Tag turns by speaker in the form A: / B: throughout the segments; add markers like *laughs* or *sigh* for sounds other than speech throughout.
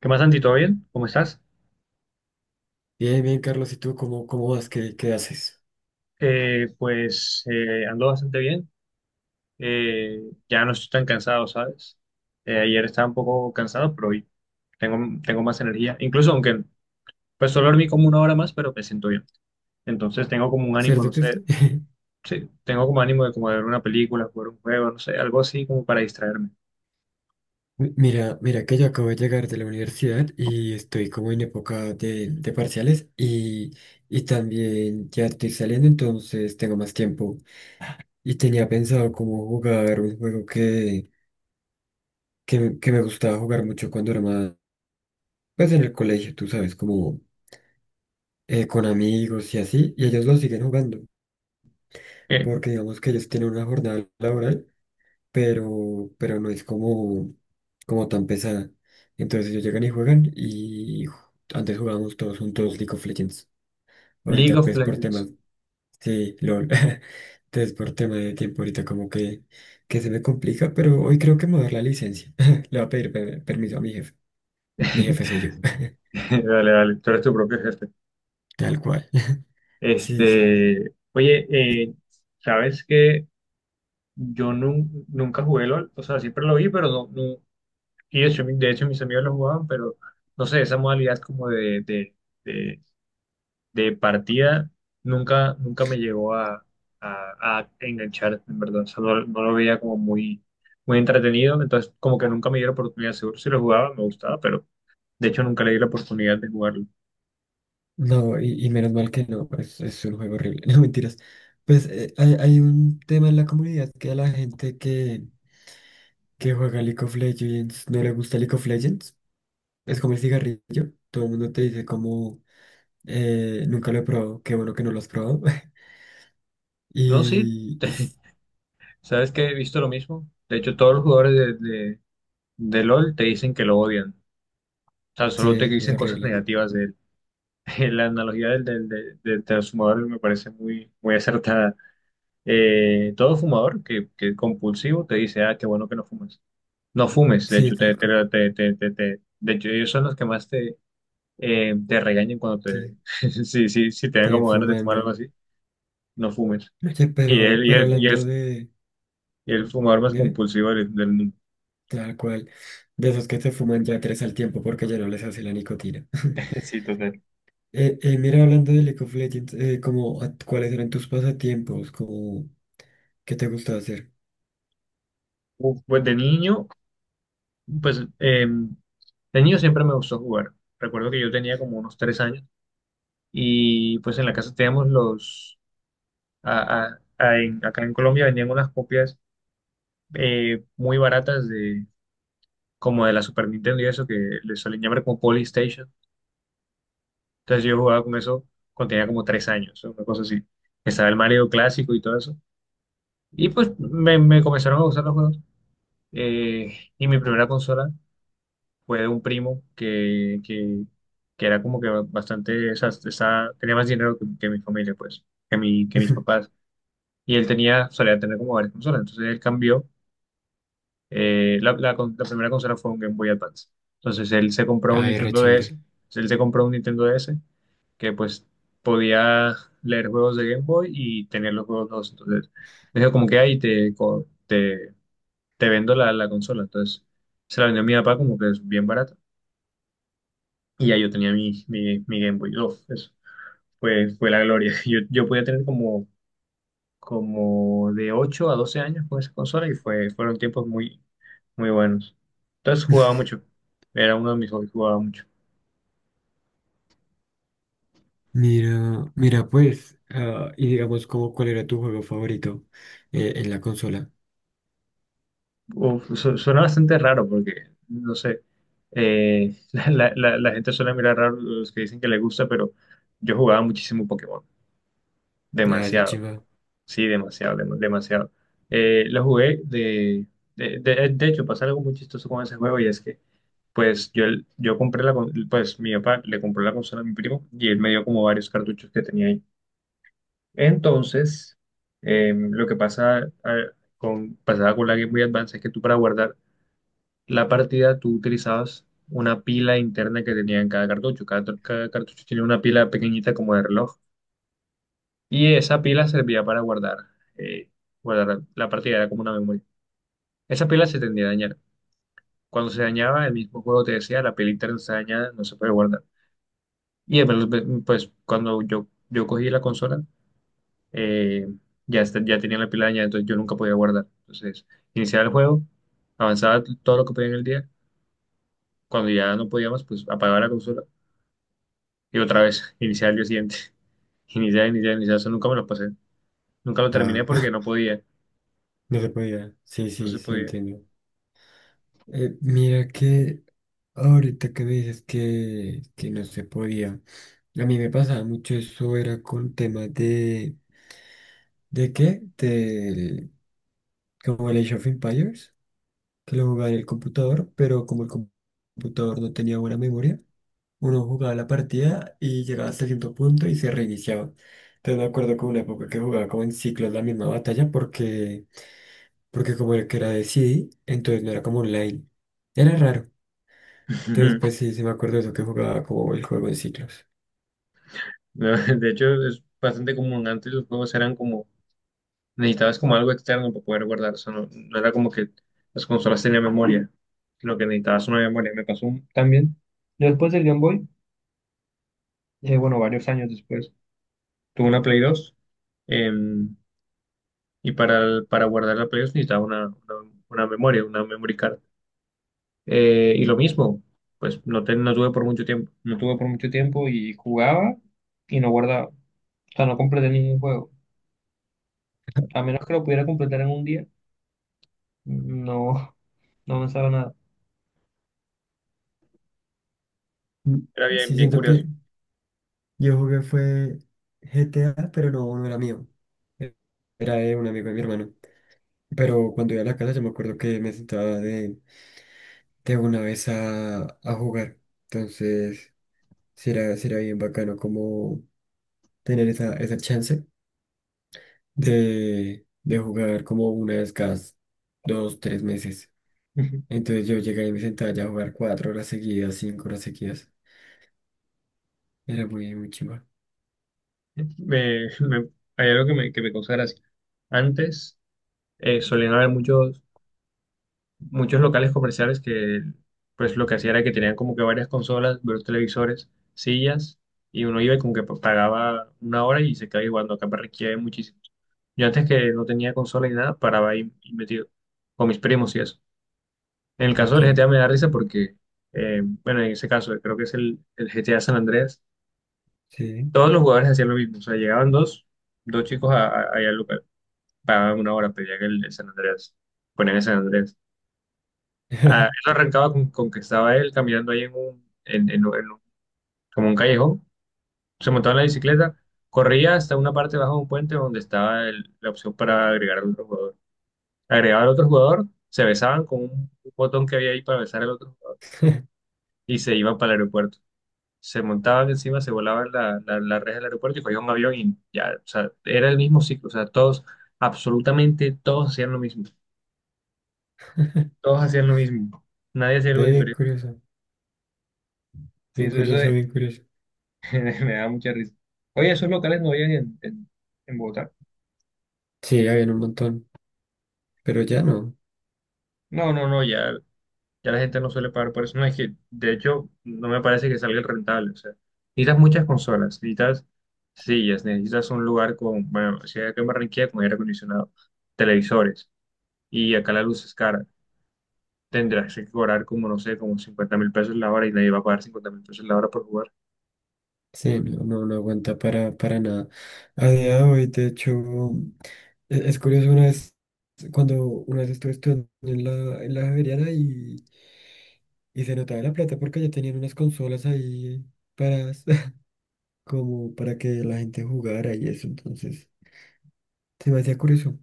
A: ¿Qué más, Santi? ¿Todo bien? ¿Cómo estás?
B: Bien, bien, Carlos, ¿y tú cómo vas? ¿Qué haces?
A: Pues ando bastante bien. Eh, ya no estoy tan cansado, ¿sabes? Ayer estaba un poco cansado, pero hoy tengo más energía. Incluso aunque pues solo dormí como una hora más, pero me siento bien. Entonces tengo como un ánimo, no
B: ¿Cierto que
A: sé,
B: sí? *laughs*
A: sí, tengo como ánimo de como de ver una película, jugar un juego, no sé, algo así como para distraerme.
B: Mira que yo acabo de llegar de la universidad y estoy como en época de parciales y también ya estoy saliendo, entonces tengo más tiempo. Y tenía pensado como jugar un juego que me gustaba jugar mucho cuando era más, pues en el colegio, tú sabes, como con amigos y así, y ellos lo siguen jugando,
A: Eh,
B: porque digamos que ellos tienen una jornada laboral. Pero no es como, como tan pesada. Entonces ellos llegan y juegan y antes jugábamos todos juntos League of Legends.
A: League
B: Ahorita
A: of
B: pues por
A: Legends.
B: temas, sí, LOL. *laughs* Entonces por tema de tiempo ahorita como que se me complica, pero hoy creo que me voy a dar la licencia. *laughs* Le voy a pedir permiso a mi jefe. Mi jefe
A: *laughs*
B: soy yo,
A: Dale, dale, tú eres tu propio jefe.
B: *laughs* tal cual. *laughs* Sí, sí.
A: Este, oye,
B: Y.
A: eh, ¿sabes qué? Yo nunca jugué LOL, o sea, siempre lo vi, pero y de hecho, de hecho mis amigos lo jugaban, pero no sé, esa modalidad como de, de, de, de partida nunca me llegó a enganchar, en verdad, o sea, no lo veía como muy entretenido, entonces como que nunca me dio la oportunidad, seguro si lo jugaba me gustaba, pero de hecho nunca le di la oportunidad de jugarlo.
B: No, y menos mal que no, es un juego horrible. *laughs* No, mentiras. Pues hay un tema en la comunidad que a la gente que juega League of Legends no le gusta League of Legends. Es como el cigarrillo. Todo el mundo te dice como nunca lo he probado, qué bueno que no lo has probado. *laughs*
A: No, sí,
B: Y, y
A: *laughs*
B: s-
A: sabes que he visto lo mismo, de hecho todos los jugadores de, de, de LOL te dicen que lo odian, o sea, solo te
B: sí, es
A: dicen cosas
B: horrible.
A: negativas de él. *laughs* La analogía del transfumador me parece muy, muy acertada. Todo fumador que es compulsivo te dice, ah, qué bueno que no fumes. No fumes, de
B: Sí,
A: hecho,
B: tal cual.
A: de hecho, ellos son los que más te, te regañan cuando te,
B: Sí,
A: *laughs* si te dan
B: te
A: como ganas de fumar algo
B: fumando.
A: así, no fumes.
B: Oye,
A: Y
B: pero,
A: él, y
B: pero
A: él, y él-
B: hablando de,
A: y el fumador más
B: de
A: compulsivo del mundo.
B: tal cual, de esos que se fuman ya tres al tiempo porque ya no les hace la nicotina. *laughs*
A: *laughs* Sí, total.
B: Mira, hablando de League of Legends, como, ¿cuáles eran tus pasatiempos? Como, ¿qué te gustaba hacer?
A: Uf, pues de niño, pues em, de niño siempre me gustó jugar. Recuerdo que yo tenía como unos 3 años. Y pues en la casa teníamos los, a- en- acá en Colombia vendían unas copias muy baratas de, como de la Super Nintendo y eso, que le suelen llamar como Polystation. Entonces yo jugaba con eso cuando tenía como 3 años, una cosa así. Estaba el Mario clásico y todo eso. Y pues me comenzaron a gustar los juegos. Y mi primera consola fue de un primo que era como que bastante, o sea, tenía más dinero que mi familia, pues, que mis
B: *laughs*
A: papás. Y él solía tener como varias consolas. Entonces él cambió. La primera consola fue un Game Boy Advance. Entonces él se compró un
B: Ay, re
A: Nintendo DS.
B: chévere.
A: Entonces, él se compró un Nintendo DS que pues podía leer juegos de Game Boy y tener los juegos dos. Entonces me dijo como que ahí te, te vendo la consola. Entonces se la vendió a mi papá como que es bien barata. Y ya yo tenía mi Game Boy. Uf, eso fue la gloria. *laughs* Yo podía tener como de 8 a 12 años con esa consola y fueron tiempos muy, muy buenos. Entonces jugaba mucho, era uno de mis hobbies, jugaba mucho.
B: Pues, ah, y digamos, como, ¿cuál era tu juego favorito en la consola?
A: Uf, suena bastante raro porque, no sé, *laughs* la gente suele mirar raro los que dicen que les gusta, pero yo jugaba muchísimo Pokémon,
B: Ah, esa
A: demasiado,
B: chiva.
A: sí, demasiado, demasiado. Lo jugué de hecho, pasa algo muy chistoso con ese juego y es que pues yo compré pues mi papá le compró la consola a mi primo y él me dio como varios cartuchos que tenía ahí. Entonces, lo que a- pasaba con la Game Boy Advance es que tú para guardar la partida tú utilizabas una pila interna que tenía en cada cartucho. Cada cartucho tenía una pila pequeñita como de reloj y esa pila servía para guardar, eh, guardar la partida, era como una memoria. Esa pila se tendía a dañar. Cuando se dañaba, el mismo juego te decía, la pila interna está dañada, no se puede guardar. Y eh, pues Cuando yo cogí la consola, eh, ya tenía la pila dañada, entonces yo nunca podía guardar. Entonces, iniciaba el juego, avanzaba todo lo que podía en el día. Cuando ya no podía más, pues apagaba la consola y otra vez, *laughs* iniciar el día siguiente. *laughs* Iniciar, iniciar, iniciar. Eso nunca me lo pasé. Nunca lo terminé
B: Ah,
A: porque no
B: *laughs*
A: podía,
B: no se podía. Sí,
A: no se
B: sí, sí,
A: podía.
B: entiendo. Mira que ahorita que me dices que no se podía, a mí me pasaba mucho eso, era con temas ¿de qué? Del, como el Age of Empires, que lo jugaba en el computador, pero como computador no tenía buena memoria. Uno jugaba la partida y llegaba hasta cierto punto y se reiniciaba. Entonces me acuerdo que hubo una época que jugaba como en ciclos la misma batalla porque como era que era de CD, entonces no era como online. Era raro. Entonces pues
A: *laughs*
B: sí, sí me acuerdo de eso que jugaba como el juego en ciclos.
A: No, de hecho, es bastante común. Antes los juegos eran como, necesitabas como algo externo para poder guardar. O sea, no era como que las consolas tenían memoria, sino que necesitabas una memoria. Me pasó también. Yo después del Game Boy, bueno, varios años después, tuve una Play 2. eh, y para guardar la Play 2 necesitaba una memoria, una memory card. Y lo mismo, pues no tuve por mucho tiempo. No tuve por mucho tiempo y jugaba y no guardaba. O sea, no completé ningún juego. A menos que lo pudiera completar en un día, no, no avanzaba nada.
B: Mm.
A: Era bien,
B: Sí
A: bien
B: siento
A: curioso.
B: que yo jugué fue GTA, pero no, no era mío. E- Era de un amigo de mi hermano. Pero cuando iba a la casa yo me acuerdo que me sentaba de una vez a jugar. Entonces, será bien bacano como tener esa chance de jugar como una vez cada dos, tres meses.
A: *laughs* Ujú.
B: Entonces yo llegué y me sentaba ya a jugar cuatro horas seguidas, cinco horas seguidas. Era muy chimba.
A: Me, me- Hay algo que me causa gracia. Antes solían haber muchos, muchos locales comerciales que pues lo que hacían era que tenían como que varias consolas, varios televisores, sillas, y uno iba y como que pagaba una hora y se quedaba jugando. Acá me requiere muchísimo. Yo antes que no tenía consola ni nada, paraba ahí y metido con mis primos y eso. En el caso
B: Ok,
A: del GTA me da risa porque, bueno, en ese caso creo que es el GTA San Andreas.
B: sí.
A: Todos los jugadores hacían lo mismo, o sea, llegaban dos chicos allá al lugar, pagaban una hora, pedían el San Andrés, ponían el San Andrés. Ah, él
B: *laughs*
A: arrancaba con que estaba él caminando ahí en un, como un callejón, se montaba en la bicicleta, corría hasta una parte bajo de un puente donde estaba la opción para agregar al otro jugador. Agregaba al otro jugador, se besaban con un botón que había ahí para besar al otro jugador y se iban para el aeropuerto. Se montaban encima, se volaban la reja del aeropuerto y cogían un avión y ya, o sea, era el mismo ciclo, o sea, todos, absolutamente todos hacían lo mismo, todos hacían lo mismo, nadie hacía algo
B: Bien
A: diferente.
B: curioso,
A: Sí,
B: bien
A: eso, eso
B: curioso,
A: de-
B: bien curioso.
A: *laughs* Me da mucha risa. Oye, esos locales no habían en Bogotá.
B: Sí, había un montón, pero ya no.
A: No, no, no, ya la gente no suele pagar por eso. No, es que, de hecho, no me parece que salga rentable. O sea, necesitas muchas consolas, necesitas sillas, necesitas un lugar con, bueno, si hay que en Barranquilla, con aire acondicionado, televisores, y acá la luz es cara. Tendrás que cobrar como, no sé, como 50.000 pesos la hora y nadie va a pagar 50.000 pesos la hora por jugar.
B: Sí, no aguanta para nada. A día de hoy, de hecho. Es curioso, cuando una vez estuve estudiando en en la Javeriana y se notaba la plata porque ya tenían unas consolas ahí para, *laughs* como para que la gente jugara y eso, entonces se me hacía curioso,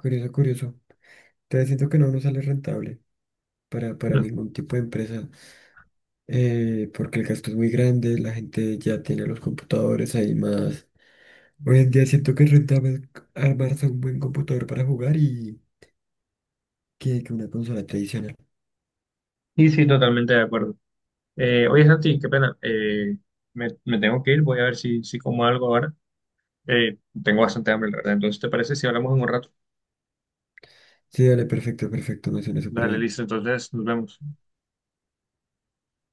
B: curioso. Te siento que no nos sale rentable para
A: No.
B: ningún tipo de empresa, porque el gasto es muy grande, la gente ya tiene los computadores ahí más. Hoy en día siento que es rentable armarse un buen computador para jugar y que una consola tradicional.
A: Y sí, totalmente de acuerdo. Oye, Santi, qué pena. Me tengo que ir, voy a ver si como algo ahora. Tengo bastante hambre, la verdad. Entonces, ¿te parece si hablamos en un rato?
B: Sí, dale, perfecto, me suena súper
A: Dale,
B: bien.
A: listo. Entonces, nos vemos.